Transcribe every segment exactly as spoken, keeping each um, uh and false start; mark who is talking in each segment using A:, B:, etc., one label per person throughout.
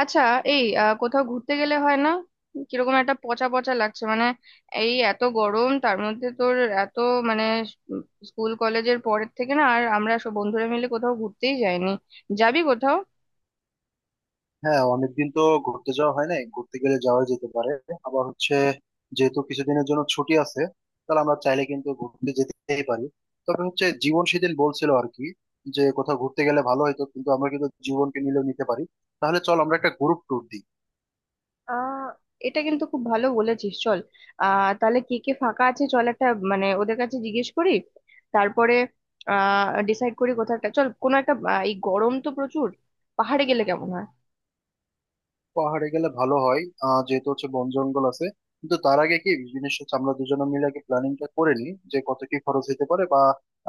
A: আচ্ছা। এই আহ, কোথাও ঘুরতে গেলে হয় না? কিরকম একটা পচা পচা লাগছে, মানে এই এত গরম, তার মধ্যে তোর এত মানে উম, স্কুল কলেজের পরের থেকে না আর আমরা সব বন্ধুরা মিলে কোথাও ঘুরতেই যাইনি। যাবি কোথাও?
B: হ্যাঁ, অনেকদিন তো ঘুরতে যাওয়া হয় নাই, ঘুরতে গেলে যাওয়া যেতে পারে। আবার হচ্ছে যেহেতু কিছুদিনের জন্য ছুটি আছে, তাহলে আমরা চাইলে কিন্তু ঘুরতে যেতেই পারি। তবে হচ্ছে জীবন সেদিন বলছিল আর কি, যে কোথাও ঘুরতে গেলে ভালো হতো, কিন্তু আমরা কিন্তু জীবনকে নিলেও নিতে পারি। তাহলে চল আমরা একটা গ্রুপ ট্যুর দিই।
A: আহ এটা কিন্তু খুব ভালো বলেছিস, চল। আহ তাহলে কে কে ফাঁকা আছে, চল একটা, মানে ওদের কাছে জিজ্ঞেস করি, তারপরে আহ ডিসাইড করি কোথাও একটা চল, কোনো একটা, আহ, এই গরম তো প্রচুর, পাহাড়ে গেলে কেমন হয়?
B: পাহাড়ে গেলে ভালো হয়। আহ যেহেতু হচ্ছে বন জঙ্গল আছে, কিন্তু তার আগে কি জিনিস হচ্ছে, আমরা দুজনে মিলে আগে প্ল্যানিংটা করে নিই যে কত কি খরচ হতে পারে বা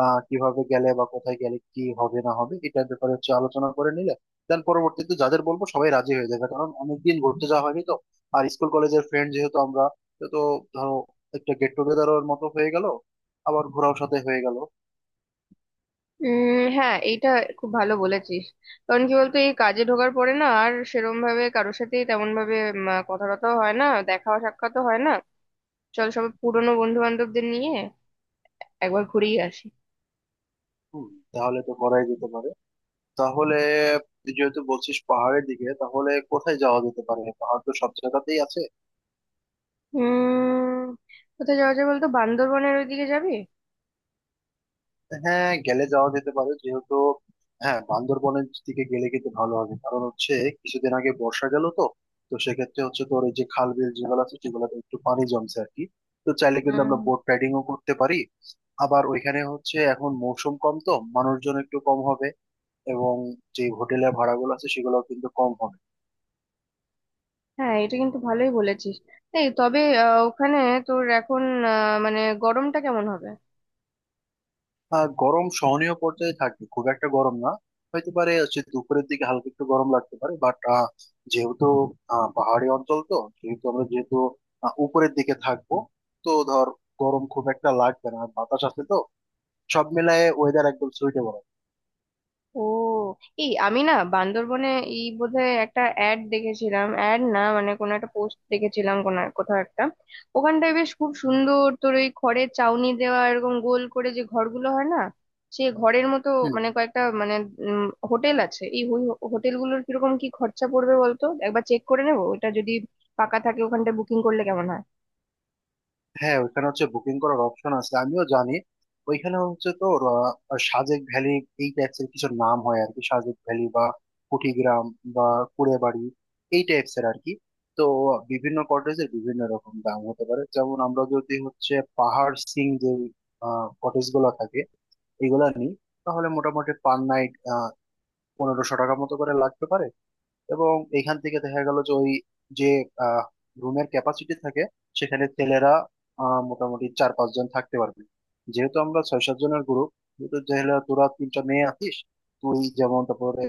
B: আহ কিভাবে গেলে বা কোথায় গেলে কি হবে না হবে এটার ব্যাপারে হচ্ছে আলোচনা করে নিলে দেন পরবর্তীতে যাদের বলবো সবাই রাজি হয়ে যাবে, কারণ অনেকদিন ঘুরতে যাওয়া হয়নি তো। আর স্কুল কলেজের ফ্রেন্ড যেহেতু আমরা, তো ধরো একটা গেট টুগেদারের মতো হয়ে গেল, আবার ঘোরাও সাথে হয়ে গেল।
A: উম হ্যাঁ, এইটা খুব ভালো বলেছিস। কারণ কি বলতো, এই কাজে ঢোকার পরে না আর সেরম ভাবে কারোর সাথেই তেমন ভাবে কথা টথাও হয় না, দেখা সাক্ষাৎও হয় না। চল সব পুরনো বন্ধু বান্ধবদের নিয়ে একবার ঘুরেই আসি।
B: হম, তাহলে তো করাই যেতে পারে। তাহলে তুই যেহেতু বলছিস পাহাড়ের দিকে, তাহলে কোথায় যাওয়া যেতে পারে, পাহাড় তো সব জায়গাতেই আছে।
A: উম কোথায় যাওয়া যায় বলতো, বান্দরবনের ওইদিকে যাবি?
B: হ্যাঁ, গেলে যাওয়া যেতে পারে যেহেতু। হ্যাঁ, বান্দরবনের দিকে গেলে কিন্তু ভালো হবে, কারণ হচ্ছে কিছুদিন আগে বর্ষা গেল তো। তো সেক্ষেত্রে হচ্ছে তোর এই যে খাল বিল যেগুলো আছে সেগুলোতে একটু পানি জমছে আর কি। তো চাইলে কিন্তু আমরা
A: উম,
B: বোট রাইডিংও করতে পারি। আবার ওইখানে হচ্ছে এখন মৌসুম কম তো মানুষজন একটু কম হবে, এবং যে হোটেলের ভাড়াগুলো আছে সেগুলোও কিন্তু কম হবে।
A: হ্যাঁ এটা কিন্তু ভালোই বলেছিস। এই তবে আহ, ওখানে তোর এখন, আহ, মানে গরমটা কেমন হবে?
B: আহ গরম সহনীয় পর্যায়ে থাকবে, খুব একটা গরম না। হয়তো পারে হচ্ছে দুপুরের দিকে হালকা একটু গরম লাগতে পারে, বাট যেহেতু আহ, পাহাড়ি অঞ্চল তো, যেহেতু আমরা যেহেতু আহ, উপরের দিকে থাকবো, তো ধর গরম খুব একটা লাগবে না, আর বাতাস আছে তো। সব মিলায়ে ওয়েদার একদম সুইটেবল।
A: ও, এই আমি না বান্দরবনে এই বোধহয় একটা অ্যাড দেখেছিলাম, অ্যাড না মানে কোনো একটা পোস্ট দেখেছিলাম, কোনো এক- কোথাও একটা, ওখানটায় বেশ খুব সুন্দর তোর, ওই খড়ের চাউনি দেওয়া এরকম গোল করে যে ঘরগুলো হয় না, সে ঘরের মতো
B: হুম,
A: মানে কয়েকটা, মানে উম, হোটেল আছে। এই হোটেলগুলোর কিরকম কি খরচা পড়বে বলতো, একবার চেক করে নেবো। ওটা যদি পাকা থাকে ওখানটায় বুকিং করলে কেমন হয়?
B: হ্যাঁ ওইখানে হচ্ছে বুকিং করার অপশন আছে, আমিও জানি। ওইখানে হচ্ছে তো আহ, সাজেক ভ্যালি, এই টাইপস এর কিছু নাম হয় আর কি, সাজেক ভ্যালি বা কুটিগ্রাম বা কুড়েবাড়ি, এই টাইপস এর আর কি। তো বিভিন্ন কটেজের বিভিন্ন রকম দাম হতে পারে। যেমন আমরা যদি হচ্ছে পাহাড় সিং যে কটেজ গুলো থাকে এগুলা নিই, তাহলে মোটামুটি পার নাইট পনেরোশো টাকা মতো করে লাগতে পারে। এবং এখান থেকে দেখা গেল যে ওই যে রুমের ক্যাপাসিটি থাকে, সেখানে ছেলেরা আহ, মোটামুটি চার পাঁচজন থাকতে পারবে। যেহেতু আমরা ছয় সাত জনের গ্রুপ, যেহেতু যেহেতু তোরা তিনটা মেয়ে আছিস, তুই যেমন, তারপরে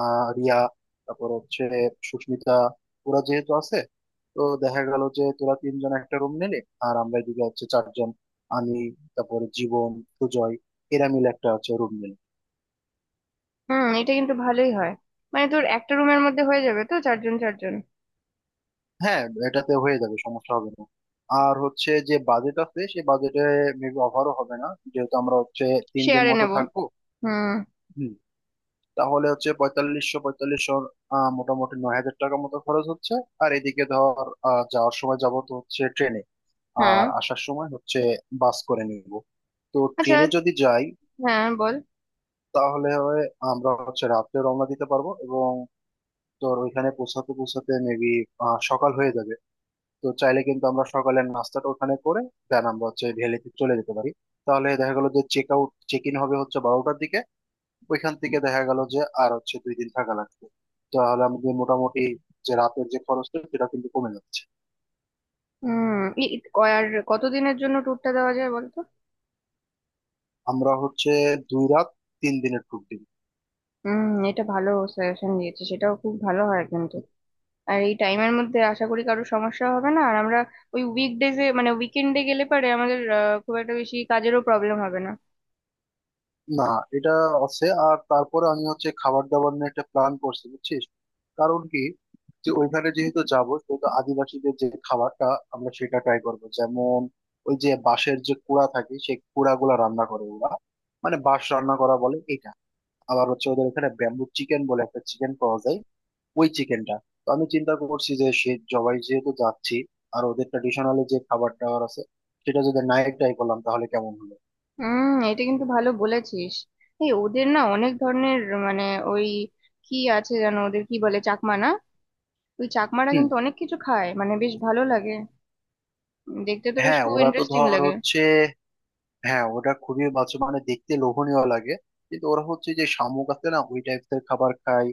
B: আহ, রিয়া, তারপর হচ্ছে সুস্মিতা, ওরা যেহেতু আছে। তো দেখা গেল যে তোরা তিনজন একটা রুম নিলে, আর আমরা এদিকে হচ্ছে চারজন, আমি, তারপরে জীবন, সুজয়, এরা মিলে একটা হচ্ছে রুম নিলাম।
A: হুম, এটা কিন্তু ভালোই হয়। মানে তোর একটা রুমের মধ্যে হয়ে যাবে তো, চারজন চারজন।
B: হ্যাঁ, এটাতে হয়ে যাবে, সমস্যা হবে না। আর হচ্ছে যে বাজেট আছে সেই বাজেটে মেবি অফারও হবে না, যেহেতু আমরা হচ্ছে তিন দিন
A: শেয়ারে
B: মতো
A: নেবো।
B: থাকবো।
A: হুম।
B: হুম। তাহলে হচ্ছে পঁয়তাল্লিশশো পঁয়তাল্লিশশো, আহ, মোটামুটি নয় হাজার টাকা মতো খরচ হচ্ছে। আর এদিকে ধর আহ, যাওয়ার সময় যাবো তো হচ্ছে ট্রেনে,
A: হ্যাঁ।
B: আর আসার সময় হচ্ছে বাস করে নিব। তো
A: আচ্ছা,
B: ট্রেনে যদি যাই,
A: হ্যাঁ বল।
B: তাহলে হয় আমরা হচ্ছে রাত্রে রওনা দিতে পারবো, এবং তোর ওইখানে পৌঁছাতে পৌঁছাতে মেবি সকাল হয়ে যাবে। তো চাইলে কিন্তু আমরা সকালের নাস্তাটা ওখানে করে দেন আমরা হচ্ছে ভ্যালিতে চলে যেতে পারি। তাহলে দেখা গেল যে চেক আউট চেক ইন হবে হচ্ছে বারোটার দিকে। ওইখান থেকে দেখা গেল যে আর হচ্ছে দুই দিন থাকা লাগবে। তাহলে আমাদের মোটামুটি যে রাতের যে খরচটা, সেটা কিন্তু কমে যাচ্ছে।
A: হুম, ই- ই- ক- আর কতদিনের জন্য ট্যুরটা দেওয়া যায় বলতো?
B: আমরা হচ্ছে দুই রাত তিন দিনের ট্যুর দিন।
A: হুম, এটা ভালো সাজেশন দিয়েছে, সেটাও খুব ভালো হয় কিন্তু। আর এই টাইমের মধ্যে আশা করি কারো সমস্যা হবে না, আর আমরা ওই উইকডেজে, মানে উইকেন্ডে গেলে পারে, আমাদের আহ, খুব একটা বেশি কাজেরও প্রবলেম হবে না।
B: না, এটা আছে। আর তারপরে আমি হচ্ছে খাবার দাবার নিয়ে একটা প্ল্যান করছি, বুঝছিস? কারণ কি, যে ওইখানে যেহেতু যাবো, সেহেতু আদিবাসীদের যে খাবারটা, আমরা সেটা ট্রাই করবো। যেমন ওই যে বাঁশের যে কুড়া থাকে, সেই কুড়া গুলা রান্না করে ওরা। মানে বাঁশ রান্না করা বলে এটা। আবার হচ্ছে ওদের ওখানে ব্যাম্বু চিকেন বলে একটা চিকেন পাওয়া যায়, ওই চিকেনটা। তো আমি চিন্তা করছি যে সে জবাই যেহেতু যাচ্ছি, আর ওদের ট্রেডিশনালি যে খাবার দাবার আছে, সেটা যদি নাই ট্রাই করলাম তাহলে কেমন হলো।
A: হুম, এটা কিন্তু ভালো বলেছিস। এই ওদের না অনেক ধরনের মানে ওই কি আছে জানো, ওদের কি বলে, চাকমা না? ওই চাকমারা
B: হুম,
A: কিন্তু অনেক কিছু খায়, মানে বেশ ভালো লাগে দেখতে, তো বেশ
B: হ্যাঁ
A: খুব
B: ওরা তো
A: ইন্টারেস্টিং
B: ধর
A: লাগে।
B: হচ্ছে, হ্যাঁ ওটা খুবই বাচ্চা, মানে দেখতে লোভনীয় লাগে। কিন্তু ওরা হচ্ছে যে শামুক আছে না, ওই টাইপের খাবার খায়।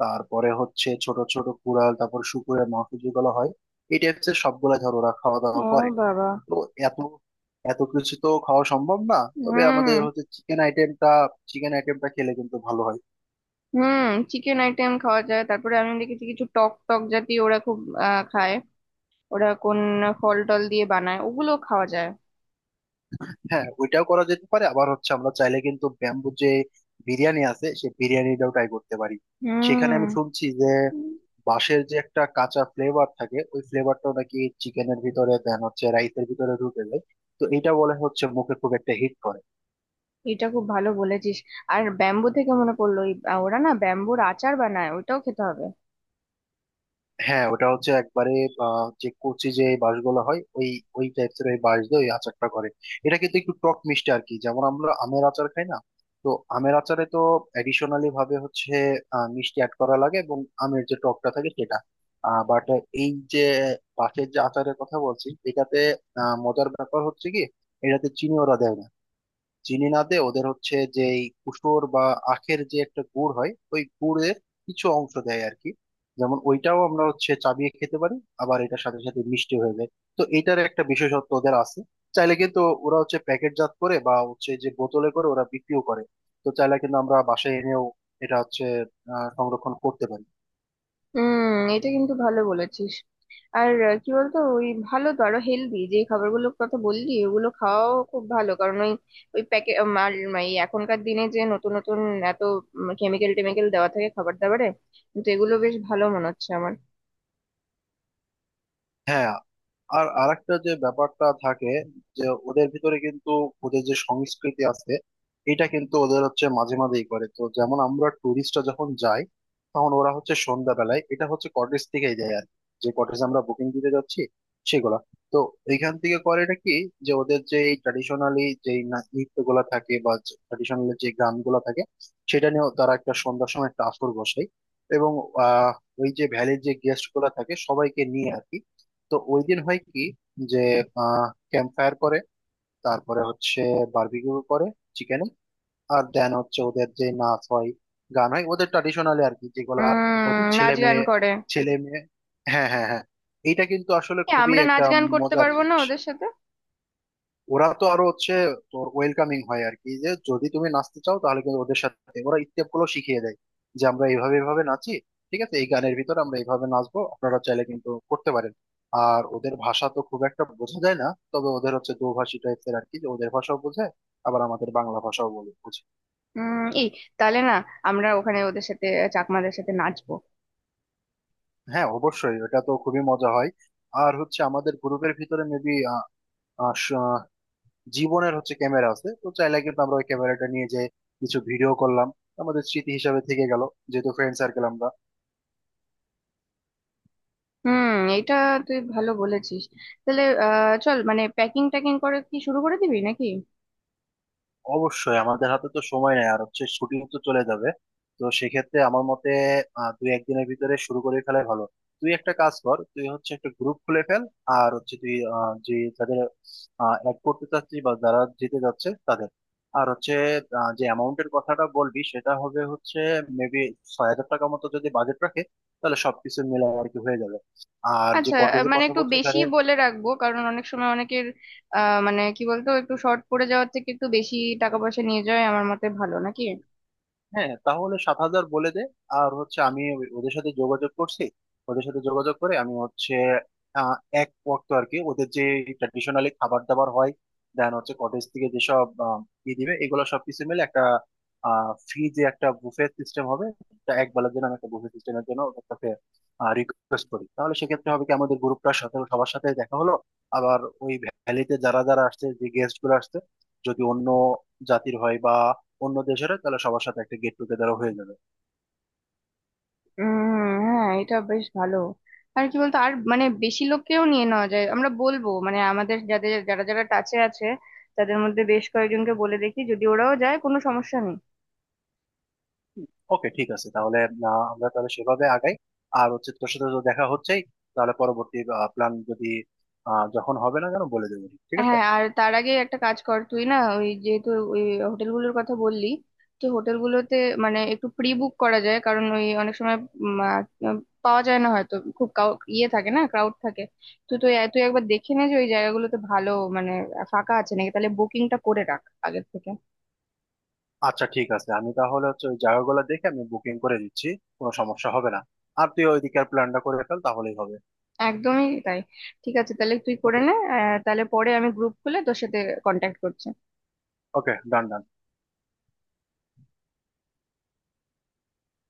B: তারপরে হচ্ছে ছোট ছোট কুড়াল, তারপর শুকুরের মাংস যেগুলো হয়, এই টাইপের সবগুলা ধর ওরা খাওয়া দাওয়া
A: ও
B: করে।
A: বাবা।
B: তো এত এত কিছু তো খাওয়া সম্ভব না। তবে আমাদের
A: হুম।
B: হচ্ছে চিকেন আইটেমটা চিকেন আইটেমটা খেলে কিন্তু ভালো হয়।
A: হুম, চিকেন আইটেম খাওয়া যায়। তারপরে আমি দেখেছি কিছু টক টক জাতীয় ওরা খুব আহ, খায়, ওরা কোন ফল টল দিয়ে বানায়, ওগুলো খাওয়া যায়।
B: হ্যাঁ, ওইটাও করা যেতে পারে। আবার হচ্ছে আমরা চাইলে কিন্তু ব্যাম্বু যে বিরিয়ানি আছে, সেই বিরিয়ানিটাও ট্রাই করতে পারি। সেখানে আমি
A: হুম,
B: শুনছি যে বাঁশের যে একটা কাঁচা ফ্লেভার থাকে, ওই ফ্লেভারটাও নাকি চিকেনের ভিতরে দেন হচ্ছে রাইসের ভিতরে ঢুকে যায়। তো এটা বলে হচ্ছে মুখে খুব একটা হিট করে।
A: এটা খুব ভালো বলেছিস। আর ব্যাম্বু থেকে মনে পড়লো, ওই- ওরা না ব্যাম্বুর আচার বানায়, ওইটাও খেতে হবে।
B: হ্যাঁ, ওটা হচ্ছে একবারে আহ, যে কচি যে বাঁশগুলো হয়, ওই ওই টাইপের ওই বাঁশ দিয়ে ওই আচারটা করে। এটা কিন্তু একটু টক মিষ্টি আর কি, যেমন আমরা আমের আচার খাই না। তো আমের আচারে তো এডিশনালি ভাবে হচ্ছে আহ, মিষ্টি অ্যাড করা লাগে, এবং আমের যে টকটা থাকে সেটা, বাট এই যে বাঁশের যে আচারের কথা বলছি এটাতে, আহ, মজার ব্যাপার হচ্ছে কি, এটাতে চিনি ওরা দেয় না। চিনি না দে ওদের হচ্ছে যে এই কুসুর বা আখের যে একটা গুড় হয়, ওই গুড়ের কিছু অংশ দেয় আর কি। যেমন ওইটাও আমরা হচ্ছে চাবিয়ে খেতে পারি, আবার এটার সাথে সাথে মিষ্টি হয়ে যায়। তো এটার একটা বিশেষত্ব ওদের আছে। চাইলে কিন্তু ওরা হচ্ছে প্যাকেটজাত করে বা হচ্ছে যে বোতলে করে ওরা বিক্রিও করে। তো চাইলে কিন্তু আমরা বাসায় এনেও এটা হচ্ছে আহ সংরক্ষণ করতে পারি।
A: হুম, এটা কিন্তু ভালো বলেছিস। আর আহ, কি বলতো, ওই ভালো তো, আরো হেলদি যে খাবারগুলোর কথা বললি, ওগুলো খাওয়াও খুব ভালো, কারণ ওই ওই প্যাকেট, এই এখনকার দিনে যে নতুন নতুন এত কেমিক্যাল টেমিক্যাল দেওয়া থাকে খাবার দাবারে, কিন্তু এগুলো বেশ ভালো মনে হচ্ছে আমার।
B: হ্যাঁ, আর আরেকটা যে ব্যাপারটা থাকে, যে ওদের ভিতরে কিন্তু ওদের যে সংস্কৃতি আছে, এটা কিন্তু ওদের হচ্ছে মাঝে মাঝেই করে তো। যেমন আমরা টুরিস্টরা যখন যাই, তখন ওরা হচ্ছে সন্ধ্যাবেলায় এটা হচ্ছে কটেজ থেকেই দেয় আর কি। যে কটেজ আমরা বুকিং দিতে যাচ্ছি সেগুলা, তো এইখান থেকে করে এটা কি, যে ওদের যে এই ট্র্যাডিশনালি যে নৃত্যগুলা থাকে বা ট্র্যাডিশনালি যে গানগুলা থাকে, সেটা নিয়েও তারা একটা সন্ধ্যার সময় একটা আসর বসায়। এবং আহ ওই যে ভ্যালির যে গেস্ট গুলা থাকে সবাইকে নিয়ে আর কি। তো ওই দিন হয় কি, যে ক্যাম্প ফায়ার করে, তারপরে হচ্ছে বারবিকিউ করে চিকেনে, আর দেন হচ্ছে ওদের যে নাচ হয়, গান হয় ওদের ট্রাডিশনালি আর কি যেগুলা। ওদের
A: উম,
B: ছেলে
A: নাচ গান
B: মেয়ে,
A: করে?
B: ছেলে মেয়ে, হ্যাঁ হ্যাঁ হ্যাঁ। এটা কিন্তু আসলে
A: এ,
B: খুবই
A: আমরা
B: একটা
A: নাচ গান করতে
B: মজার
A: পারবো না
B: জিনিস।
A: ওদের সাথে?
B: ওরা তো আরো হচ্ছে তোর ওয়েলকামিং হয় আর কি, যে যদি তুমি নাচতে চাও, তাহলে কিন্তু ওদের সাথে ওরা স্টেপ গুলো শিখিয়ে দেয়, যে আমরা এইভাবে এইভাবে নাচি, ঠিক আছে এই গানের ভিতরে আমরা এইভাবে নাচবো, আপনারা চাইলে কিন্তু করতে পারেন। আর ওদের ভাষা তো খুব একটা বোঝা যায় না, তবে ওদের হচ্ছে দোভাষী টাইপের আর কি, যে ওদের ভাষাও বোঝে, আবার আমাদের বাংলা ভাষাও বলে বুঝে।
A: উম এই তাহলে না, আমরা ওখানে ওদের সাথে চাকমাদের সাথে নাচবো।
B: হ্যাঁ, অবশ্যই ওটা তো খুবই মজা হয়। আর হচ্ছে আমাদের গ্রুপের ভিতরে মেবি জীবনের হচ্ছে ক্যামেরা আছে, তো চাইলে কিন্তু আমরা ওই ক্যামেরাটা নিয়ে যে কিছু ভিডিও করলাম, আমাদের স্মৃতি হিসাবে থেকে গেল, যেহেতু ফ্রেন্ড সার্কেল আমরা।
A: হুম, এটা তুই ভালো বলেছিস। তাহলে আহ চল, মানে প্যাকিং ট্যাকিং করে কি শুরু করে দিবি নাকি?
B: অবশ্যই, আমাদের হাতে তো সময় নেই, আর হচ্ছে শুটিং তো চলে যাবে। তো সেক্ষেত্রে আমার মতে আহ, দুই একদিনের ভিতরে শুরু করে ফেলাই ভালো। তুই একটা কাজ কর, তুই হচ্ছে একটা গ্রুপ খুলে ফেল, আর হচ্ছে তুই আহ, যে যাদের অ্যাড করতে চাচ্ছিস বা যারা যেতে যাচ্ছে তাদের, আর হচ্ছে আহ, যে অ্যামাউন্টের কথাটা বলবি সেটা হবে হচ্ছে মেবি ছয় হাজার টাকা মতো যদি বাজেট রাখে তাহলে সবকিছু মিলে আর কি হয়ে যাবে। আর যে
A: আচ্ছা, আহ,
B: কটেজের
A: মানে
B: কথা
A: একটু
B: বলছো
A: বেশি
B: এখানে,
A: বলে রাখবো, কারণ অনেক সময় অনেকের আহ মানে কি বলতো, একটু শর্ট পড়ে যাওয়ার থেকে একটু বেশি টাকা পয়সা নিয়ে যাওয়াই আমার মতে ভালো, নাকি?
B: হ্যাঁ তাহলে সাত হাজার বলে দে। আর হচ্ছে আমি ওই- ওদের সাথে যোগাযোগ করছি, ওদের সাথে যোগাযোগ করে আমি হচ্ছে আহ, এক ওয়াক্ত আর কি ওদের যে ট্র্যাডিশনালি খাবার দাবার হয়, দেন হচ্ছে কটেজ থেকে যেসব আহ, ই দিবে, এগুলো সবকিছু মিলে একটা ফ্রি যে একটা বুফে সিস্টেম হবে। তা এক বেলার জন্য আমি একটা বুফে সিস্টেমের জন্য ওদের কাছে রিকোয়েস্ট করি, তাহলে সেক্ষেত্রে হবে কি, আমাদের গ্রুপটার সাথে সবার সাথে দেখা হলো, আবার ওই ভ্যালিতে যারা যারা আসছে যে গেস্ট গুলো আসছে, যদি অন্য জাতির হয় বা অন্য দেশেরও, তাহলে সবার সাথে একটা গেট টুগেদারও হয়ে যাবে।
A: উম হ্যাঁ, এটা বেশ ভালো। আর কি বলতো, আর মানে বেশি লোককেও নিয়ে নেওয়া যায়, আমরা বলবো মানে আমাদের যাদের, যারা যারা টাচে আছে তাদের মধ্যে বেশ কয়েকজনকে বলে দেখি, যদি ওরাও যায় কোনো সমস্যা নেই।
B: ওকে, ঠিক আছে, তাহলে আহ, আমরা তাহলে সেভাবে আগাই। আর হচ্ছে তোর সাথে তো দেখা হচ্ছেই, তাহলে পরবর্তী প্ল্যান যদি আহ, যখন হবে না কেন বলে দেবো, ঠিক আছে।
A: হ্যাঁ, আর তার আগে একটা কাজ কর, তুই না ওই যেহেতু ওই হোটেলগুলোর কথা বললি, তো হোটেলগুলোতে মানে একটু প্রি বুক করা যায়, কারণ ওই অনেক সময় উম, আহ, পাওয়া যায় না, হয়তো খুব কাউ- ইয়ে থাকে, না ক্রাউড থাকে। তো তুই তুই একবার দেখে নে যে ওই জায়গাগুলোতে ভালো মানে ফাঁকা আছে নাকি, তাহলে বুকিংটা করে রাখ আগের থেকে।
B: আচ্ছা ঠিক আছে, আমি তাহলে হচ্ছে ওই জায়গাগুলো দেখে আমি বুকিং করে দিচ্ছি, কোনো সমস্যা হবে না। আর তুই ওইদিকের প্ল্যানটা করে ফেল, তাহলেই হবে।
A: একদমই তাই। ঠিক আছে, তাহলে তুই করে
B: ওকে,
A: নে, আহ, তাহলে পরে আমি গ্রুপ খুলে তোর সাথে কন্ট্যাক্ট করছি।
B: ওকে, ডান ডান।